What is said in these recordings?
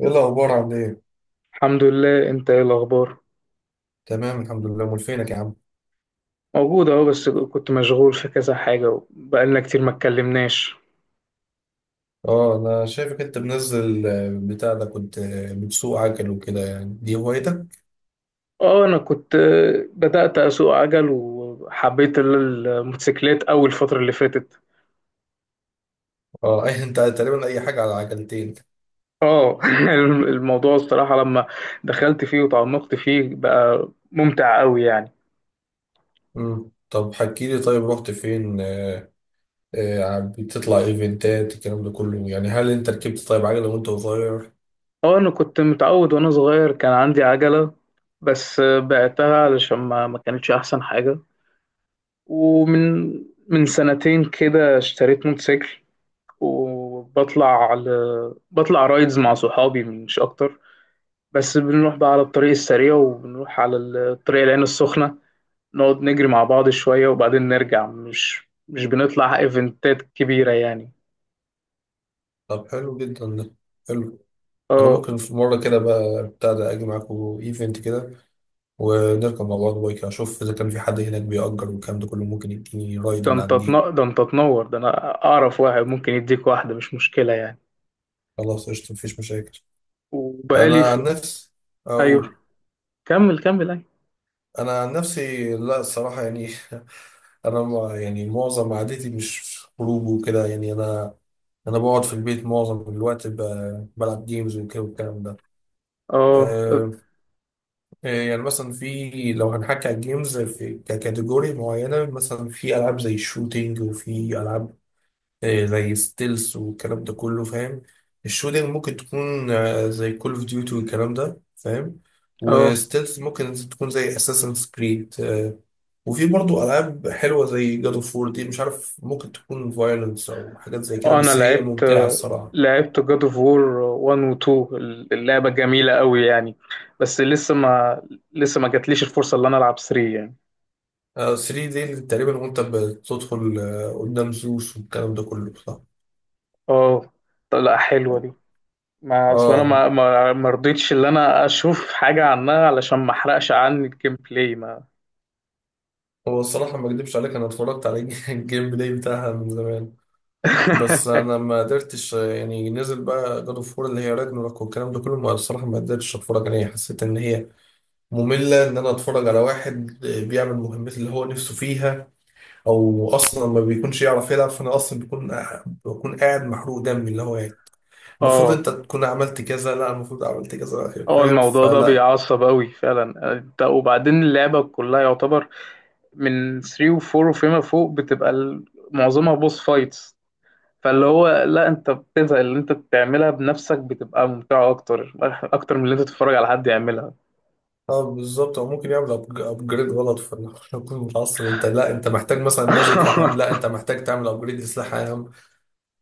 ايه الاخبار؟ عامل ايه؟ الحمد لله. انت ايه الاخبار؟ تمام، الحمد لله. امال فينك يا عم؟ موجود اهو، بس كنت مشغول في كذا حاجه وبقالنا كتير ما اتكلمناش. اه، انا شايفك انت منزل، بتاع ده كنت، بتسوق عجل وكده يعني. دي هوايتك؟ اه انا كنت بدات اسوق عجل وحبيت الموتوسيكلات اول الفتره اللي فاتت. اه اي انت تقريبا اي حاجه على عجلتين. اه الموضوع الصراحه لما دخلت فيه وتعمقت فيه بقى ممتع قوي يعني. طب حكي لي. طيب رحت فين؟ بتطلع ايفنتات الكلام ده كله؟ يعني هل انت ركبت طيب عجله وانت صغير؟ اه انا كنت متعود وانا صغير كان عندي عجله، بس بعتها علشان ما كانتش احسن حاجه. ومن من سنتين كده اشتريت موتوسيكل. وبطلع على بطلع رايدز مع صحابي مش اكتر. بس بنروح بقى على الطريق السريع وبنروح على الطريق العين السخنة، نقعد نجري مع بعض شوية وبعدين نرجع. مش بنطلع ايفنتات كبيرة يعني. طب حلو جدا ده، حلو. انا اه. ممكن في مره كده بقى بتاع ده اجي معاكم ايفنت كده، ونركب مع بعض بايك، اشوف اذا كان في حد هناك بيأجر والكلام ده كله، ممكن يديني رايد من عندي. ده انت تنور، ده انا اعرف واحد ممكن يديك واحدة، مش مشكلة يعني. خلاص، قشطة، مفيش مشاكل. أنا وبقالي عن في... نفسي ايوه، أقول، كمل، ايوه. أنا عن نفسي لا، الصراحة يعني. أنا ما يعني معظم عادتي مش خروج وكده يعني. أنا بقعد في البيت معظم الوقت، بلعب جيمز وكده والكلام ده. اه اه. أه. يعني مثلا في، لو هنحكي على الجيمز، في ككاتيجوري معينة. مثلا في ألعاب زي الشوتينج، وفي ألعاب زي ستيلز والكلام ده كله فاهم. الشوتنج ممكن تكون زي كول اوف ديوتي والكلام ده فاهم. آه. وستيلز ممكن تكون زي اساسنز كريد. وفي برضو العاب حلوه زي جاد اوف وور، دي مش عارف، ممكن تكون فايلنس او حاجات زي كده، انا بس هي لعبت، ممتعه الصراحه. جاد اوف وور 1 و 2. اللعبه جميله قوي يعني. بس لسه ما جاتليش الفرصه اللي انا العب 3 يعني. 3 دي تقريبا وانت بتدخل قدام زوس والكلام ده كله، صح؟ اه طب لا، حلوه دي. ما اصل انا اه. ما رضيتش ان انا اشوف حاجه عنها علشان ما احرقش عني الجيم بلاي ما. هو الصراحه ما اكدبش عليك، انا اتفرجت على الجيم بلاي بتاعها من زمان. بس انا ما قدرتش يعني. نزل بقى جاد اوف وور اللي هي راجناروك والكلام ده كله، ما الصراحه ما قدرتش اتفرج عليها. حسيت ان هي ممله، ان انا اتفرج على واحد بيعمل مهمات اللي هو نفسه فيها، او اصلا ما بيكونش يعرف يلعب، فانا اصلا بيكون، بكون قاعد محروق دمي اللي هو يعني المفروض اه انت تكون عملت كذا، لا المفروض عملت كذا، اه. فاهم؟ الموضوع ده فلا. بيعصب قوي فعلا انت. وبعدين اللعبه كلها يعتبر من 3 و 4 وفيما فوق بتبقى معظمها بوس فايتس. فاللي هو لا، انت بتزهق. اللي انت بتعملها بنفسك بتبقى ممتعة اكتر، اكتر من اللي انت تتفرج على حد يعملها. اه بالظبط. او ممكن يعمل ابجريد غلط، فانا اكون متعصب، انت لا انت محتاج مثلا ماجيك اهم، لا انت محتاج تعمل ابجريد لسلاح اهم.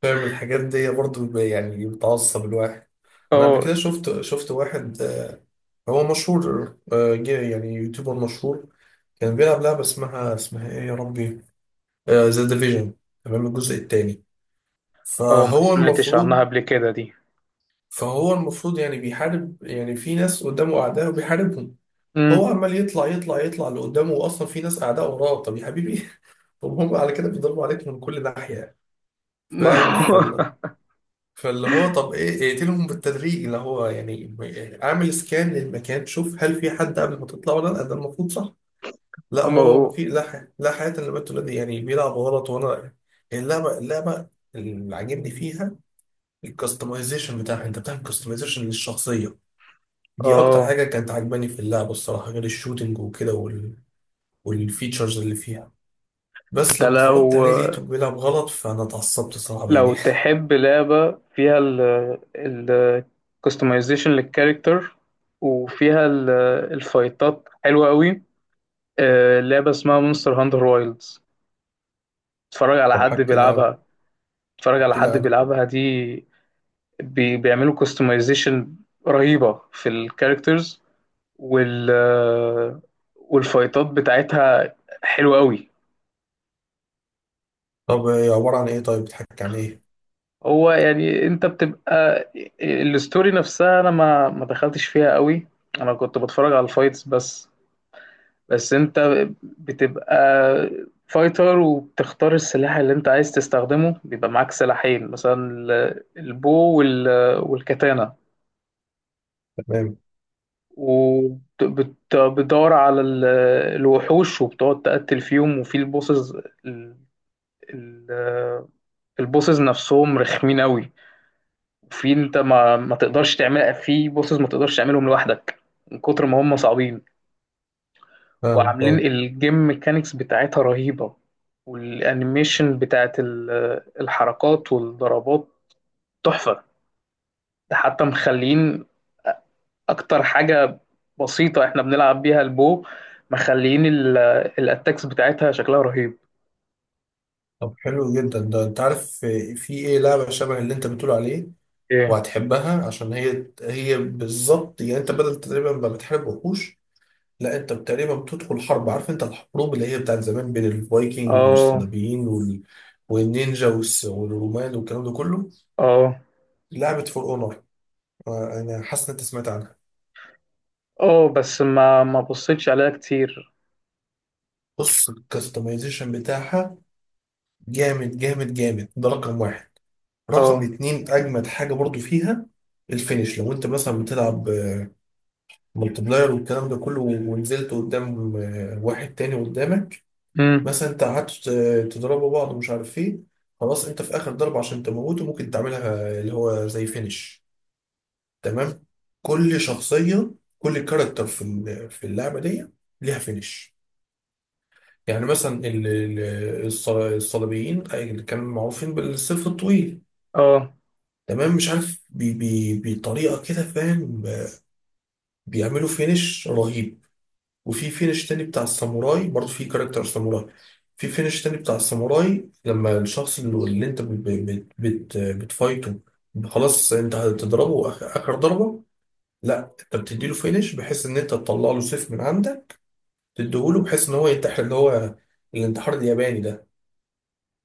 فاهم الحاجات دي برضه يعني بتعصب الواحد. انا قبل اه كده شفت واحد هو مشهور، جه يعني يوتيوبر مشهور. كان بيلعب لعبة اسمها، ايه يا ربي، ذا ديفيجن، تمام، الجزء الثاني. اه. ما فهو سمعتش عنها المفروض قبل كده دي. فهو المفروض يعني بيحارب، يعني في ناس قدامه اعداء وبيحاربهم. هو امم. عمال يطلع يطلع يطلع لقدامه، واصلا في ناس اعداء وراه. طب يا حبيبي طب هم على كده بيضربوا عليك من كل ناحية، ما فاهم؟ هو فاللي هو طب ايه، اقتلهم بالتدريج اللي هو يعني اعمل سكان للمكان، شوف هل في حد قبل ما تطلع ولا لا، ده المفروض صح؟ لا، ما هو ما هو في. لا حياة لا حياة للبنت دي، يعني بيلعب غلط وانا. اللعبة اللي عاجبني فيها الكستمايزيشن بتاعها، انت بتعمل كستمايزيشن للشخصية. دي اكتر اه. حاجة كانت عاجباني في اللعبة الصراحة، غير الشوتينج وكده وال... والفيتشرز اللي فيها. بس انت لما اتفرجت لو عليه لقيته بيلعب غلط، فانا اتعصبت صراحة لو يعني. تحب لعبة فيها ال ال customization للكاركتر، وفيها الفايتات حلوة قوي. لعبة اسمها مونستر هانتر وايلدز. اتفرج على طب حد حكي لي عنها. بيلعبها. اتفرج على حكي لي حد عنها. بيلعبها دي بيعملوا كاستمايزيشن رهيبة في الكاركترز، وال والفايتات بتاعتها حلوة قوي. طب إيه؟ عبارة عن ايه طيب؟ بتحكي عن ايه؟ هو يعني انت بتبقى، الستوري نفسها انا ما دخلتش فيها قوي. انا كنت بتفرج على الفايتس بس. بس انت بتبقى فايتر، وبتختار السلاح اللي انت عايز تستخدمه. بيبقى معاك سلاحين، مثلا البو والكاتانا. تمام، وبتدور على الوحوش وبتقعد تقتل فيهم وفي البوسز. ال- ال- البوسز نفسهم رخمين قوي. وفي انت ما تقدرش تعمل، في بوسز ما تقدرش تعملهم لوحدك من كتر ما هم صعبين. فاهمك، وعاملين اه. الجيم ميكانيكس بتاعتها رهيبة، والانيميشن بتاعت الحركات والضربات تحفة. ده حتى مخلين اكتر حاجه بسيطه احنا بنلعب بيها البو، مخليين الاتاكس بتاعتها شكلها رهيب. طب حلو جدا ده. انت عارف في ايه لعبة شبه اللي انت بتقول عليه ايه. وهتحبها، عشان هي هي بالظبط. يعني انت بدل تقريبا ما بتحارب وحوش، لا انت تقريبا بتدخل حرب. عارف انت الحروب اللي هي بتاعت زمان بين الفايكنج اه والصليبيين وال... والنينجا والس... والرومان والكلام ده كله. اه. لعبة فور اونر. انا حاسس ان انت سمعت عنها. اه بس ما بصيتش عليها كتير. بص الكستمايزيشن بتاعها جامد جامد جامد، ده رقم واحد. رقم اه. اتنين، اجمد حاجه برضو فيها الفينش. لو انت مثلا بتلعب ملتي بلاير والكلام ده كله، ونزلت قدام واحد تاني قدامك، امم. مثلا انت قعدت تضربوا بعض ومش عارف ايه، خلاص، انت في اخر ضربه عشان تموته ممكن تعملها اللي هو زي فينش. تمام. كل شخصيه، كل كاركتر في في اللعبه دي ليها فينش. يعني مثلا الصليبيين، أي اللي كانوا معروفين بالسيف الطويل، اه تمام، مش عارف بي بي بطريقه كده فاهم، بيعملوا فينش رهيب. وفي فينش تاني بتاع الساموراي، برضه في كاركتر ساموراي. في فينش تاني بتاع الساموراي، لما الشخص اللي انت بت بت بت بتفايته، خلاص انت هتضربه اخر ضربه، لا انت بتديله فينش بحيث ان انت تطلع له سيف من عندك، تديهوله بحيث ان هو ينتحر اللي هو الانتحار الياباني ده،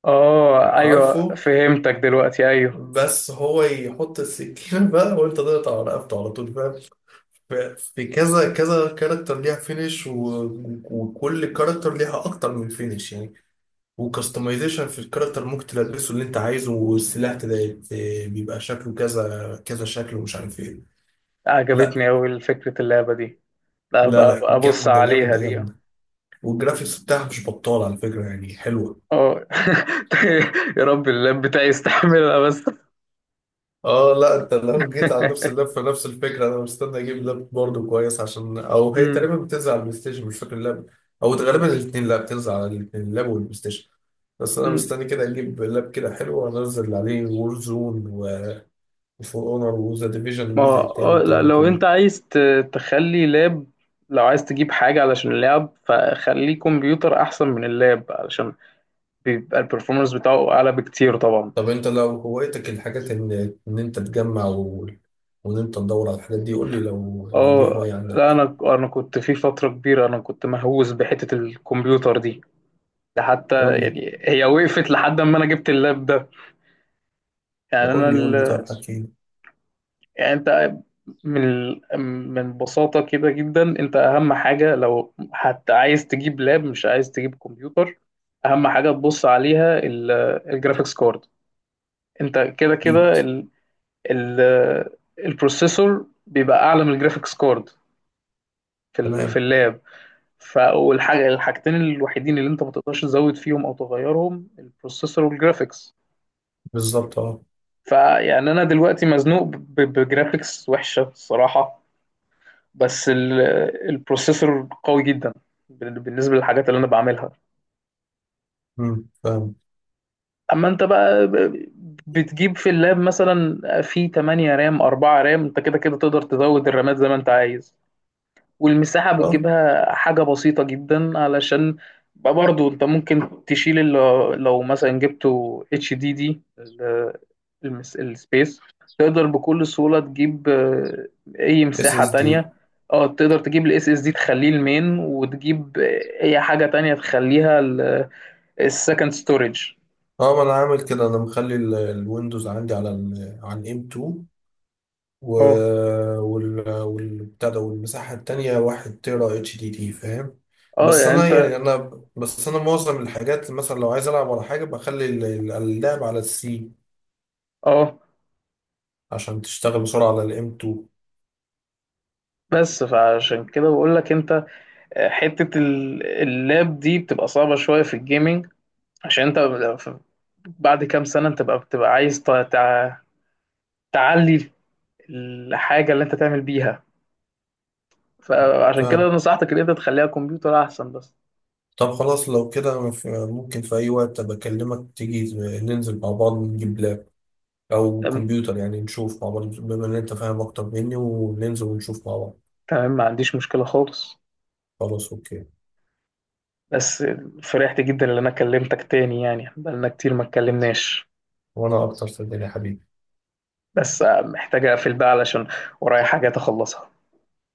اه، ايوه عارفه؟ فهمتك دلوقتي، ايوه. بس هو يحط السكينه بقى، وانت تقطع رقبته على طول، فاهم؟ ف- في كذا كذا كاركتر ليها فينش، وكل كاركتر ليها اكتر من فينش يعني. وكستمايزيشن في الكاركتر ممكن تلبسه اللي انت عايزه، والسلاح بيبقى شكله كذا كذا شكل ومش عارف ايه. لا، عجبتني اوي فكره اللعبه دي. لا، لا ابقى لا، ابص جامده عليها جامده دي، اه. جامده. والجرافيكس بتاعها مش بطاله على فكره، يعني حلوه. يا رب اللاب بتاعي يستحملها بس. اه لا، انت لو جيت على نفس اللاب فنفس الفكره. انا مستني اجيب لاب برضه كويس عشان، او هي امم. تقريبا بتنزل على البلاي ستيشن مش فاكر اللاب، او غالبا الاثنين. لا، بتنزل على الاثنين، اللاب والبلاي ستيشن. بس انا مستني كده اجيب لاب كده حلو وانزل عليه وور زون وفور اونر وذا ديفيجن ما هو الجزء الثاني لا، والكلام ده لو كله. انت عايز تخلي لاب، لو عايز تجيب حاجة علشان اللاب فخليه كمبيوتر أحسن من اللاب، علشان بيبقى البرفورمانس بتاعه أعلى بكتير طبعا. طب انت لو هوايتك الحاجات ان انت تجمع و... وان انت تدور على الحاجات دي، قول لي لو دي اه هوايه لا، عندك. أنا كنت في فترة كبيرة، أنا كنت مهووس بحتة الكمبيوتر دي. ده حتى قول لي يعني هي وقفت لحد ما أنا جبت اللاب ده. يعني أنا، قول لي قول لي. طب حكي لي. يعني انت، من من بساطة كده جدا، انت اهم حاجة لو حتى عايز تجيب لاب مش عايز تجيب كمبيوتر، اهم حاجة تبص عليها الجرافيكس كارد. انت كده اكيد. كده ال- البروسيسور بيبقى اعلى من الجرافيكس كارد في في تمام. اللاب. والحاجة، الحاجتين الوحيدين اللي انت ما تقدرش تزود فيهم او تغيرهم البروسيسور والجرافيكس. بالظبط، اه. فيعني انا دلوقتي مزنوق بجرافيكس وحشة الصراحة، بس البروسيسور قوي جدا بالنسبة للحاجات اللي أنا بعملها. امم، فاهم. أما أنت بقى بتجيب في اللاب مثلا في 8 رام، 4 رام، أنت كده كده تقدر تزود الرامات زي ما أنت عايز. والمساحة اه. بتجيبها حاجة بسيطة جدا، علشان بقى برضو انت ممكن تشيل، اللي لو مثلا جبته اتش دي دي، السبيس تقدر بكل سهولة تجيب اي اس مساحة اس دي. تانية. اه، تقدر تجيب الاس اس دي تخليه المين، وتجيب اي حاجة تانية تخليها السكند ستورج. اه، ما انا عامل كده. انا مخلي الويندوز عندي على ال، على الام 2. و اه وال، والبتاع ده، والمساحه التانيه 1 تيرا اتش دي دي، فاهم. اه، بس يعني انا انت. يعني انا بس انا معظم الحاجات مثلا لو عايز العب على حاجه بخلي اللعب على السي اه عشان تشتغل بسرعه على الام 2. بس فعشان كده بقول لك انت حتة اللاب دي بتبقى صعبة شوية في الجيمنج، عشان انت ف- بعد كام سنة انت بقى بتبقى عايز تعلي الحاجة اللي انت تعمل بيها. فعشان كده فاهم. نصحتك ان انت تخليها كمبيوتر احسن بس. طب خلاص لو كده ممكن في اي وقت بكلمك تيجي ننزل مع بعض نجيب لاب او تمام، كمبيوتر يعني، نشوف مع بعض بما ان انت فاهم اكتر مني، وننزل ونشوف مع بعض. تمام ما عنديش مشكلة خالص. خلاص، اوكي. بس فرحت جدا ان انا كلمتك تاني، يعني بقالنا كتير ما اتكلمناش. وانا اكتر صدقني يا حبيبي. بس محتاج اقفل بقى علشان ورايا حاجات اخلصها.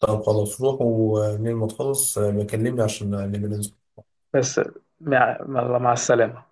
طب خلاص روح، ولما تخلص بكلمني عشان نبقى ننزل. بس مع السلامة.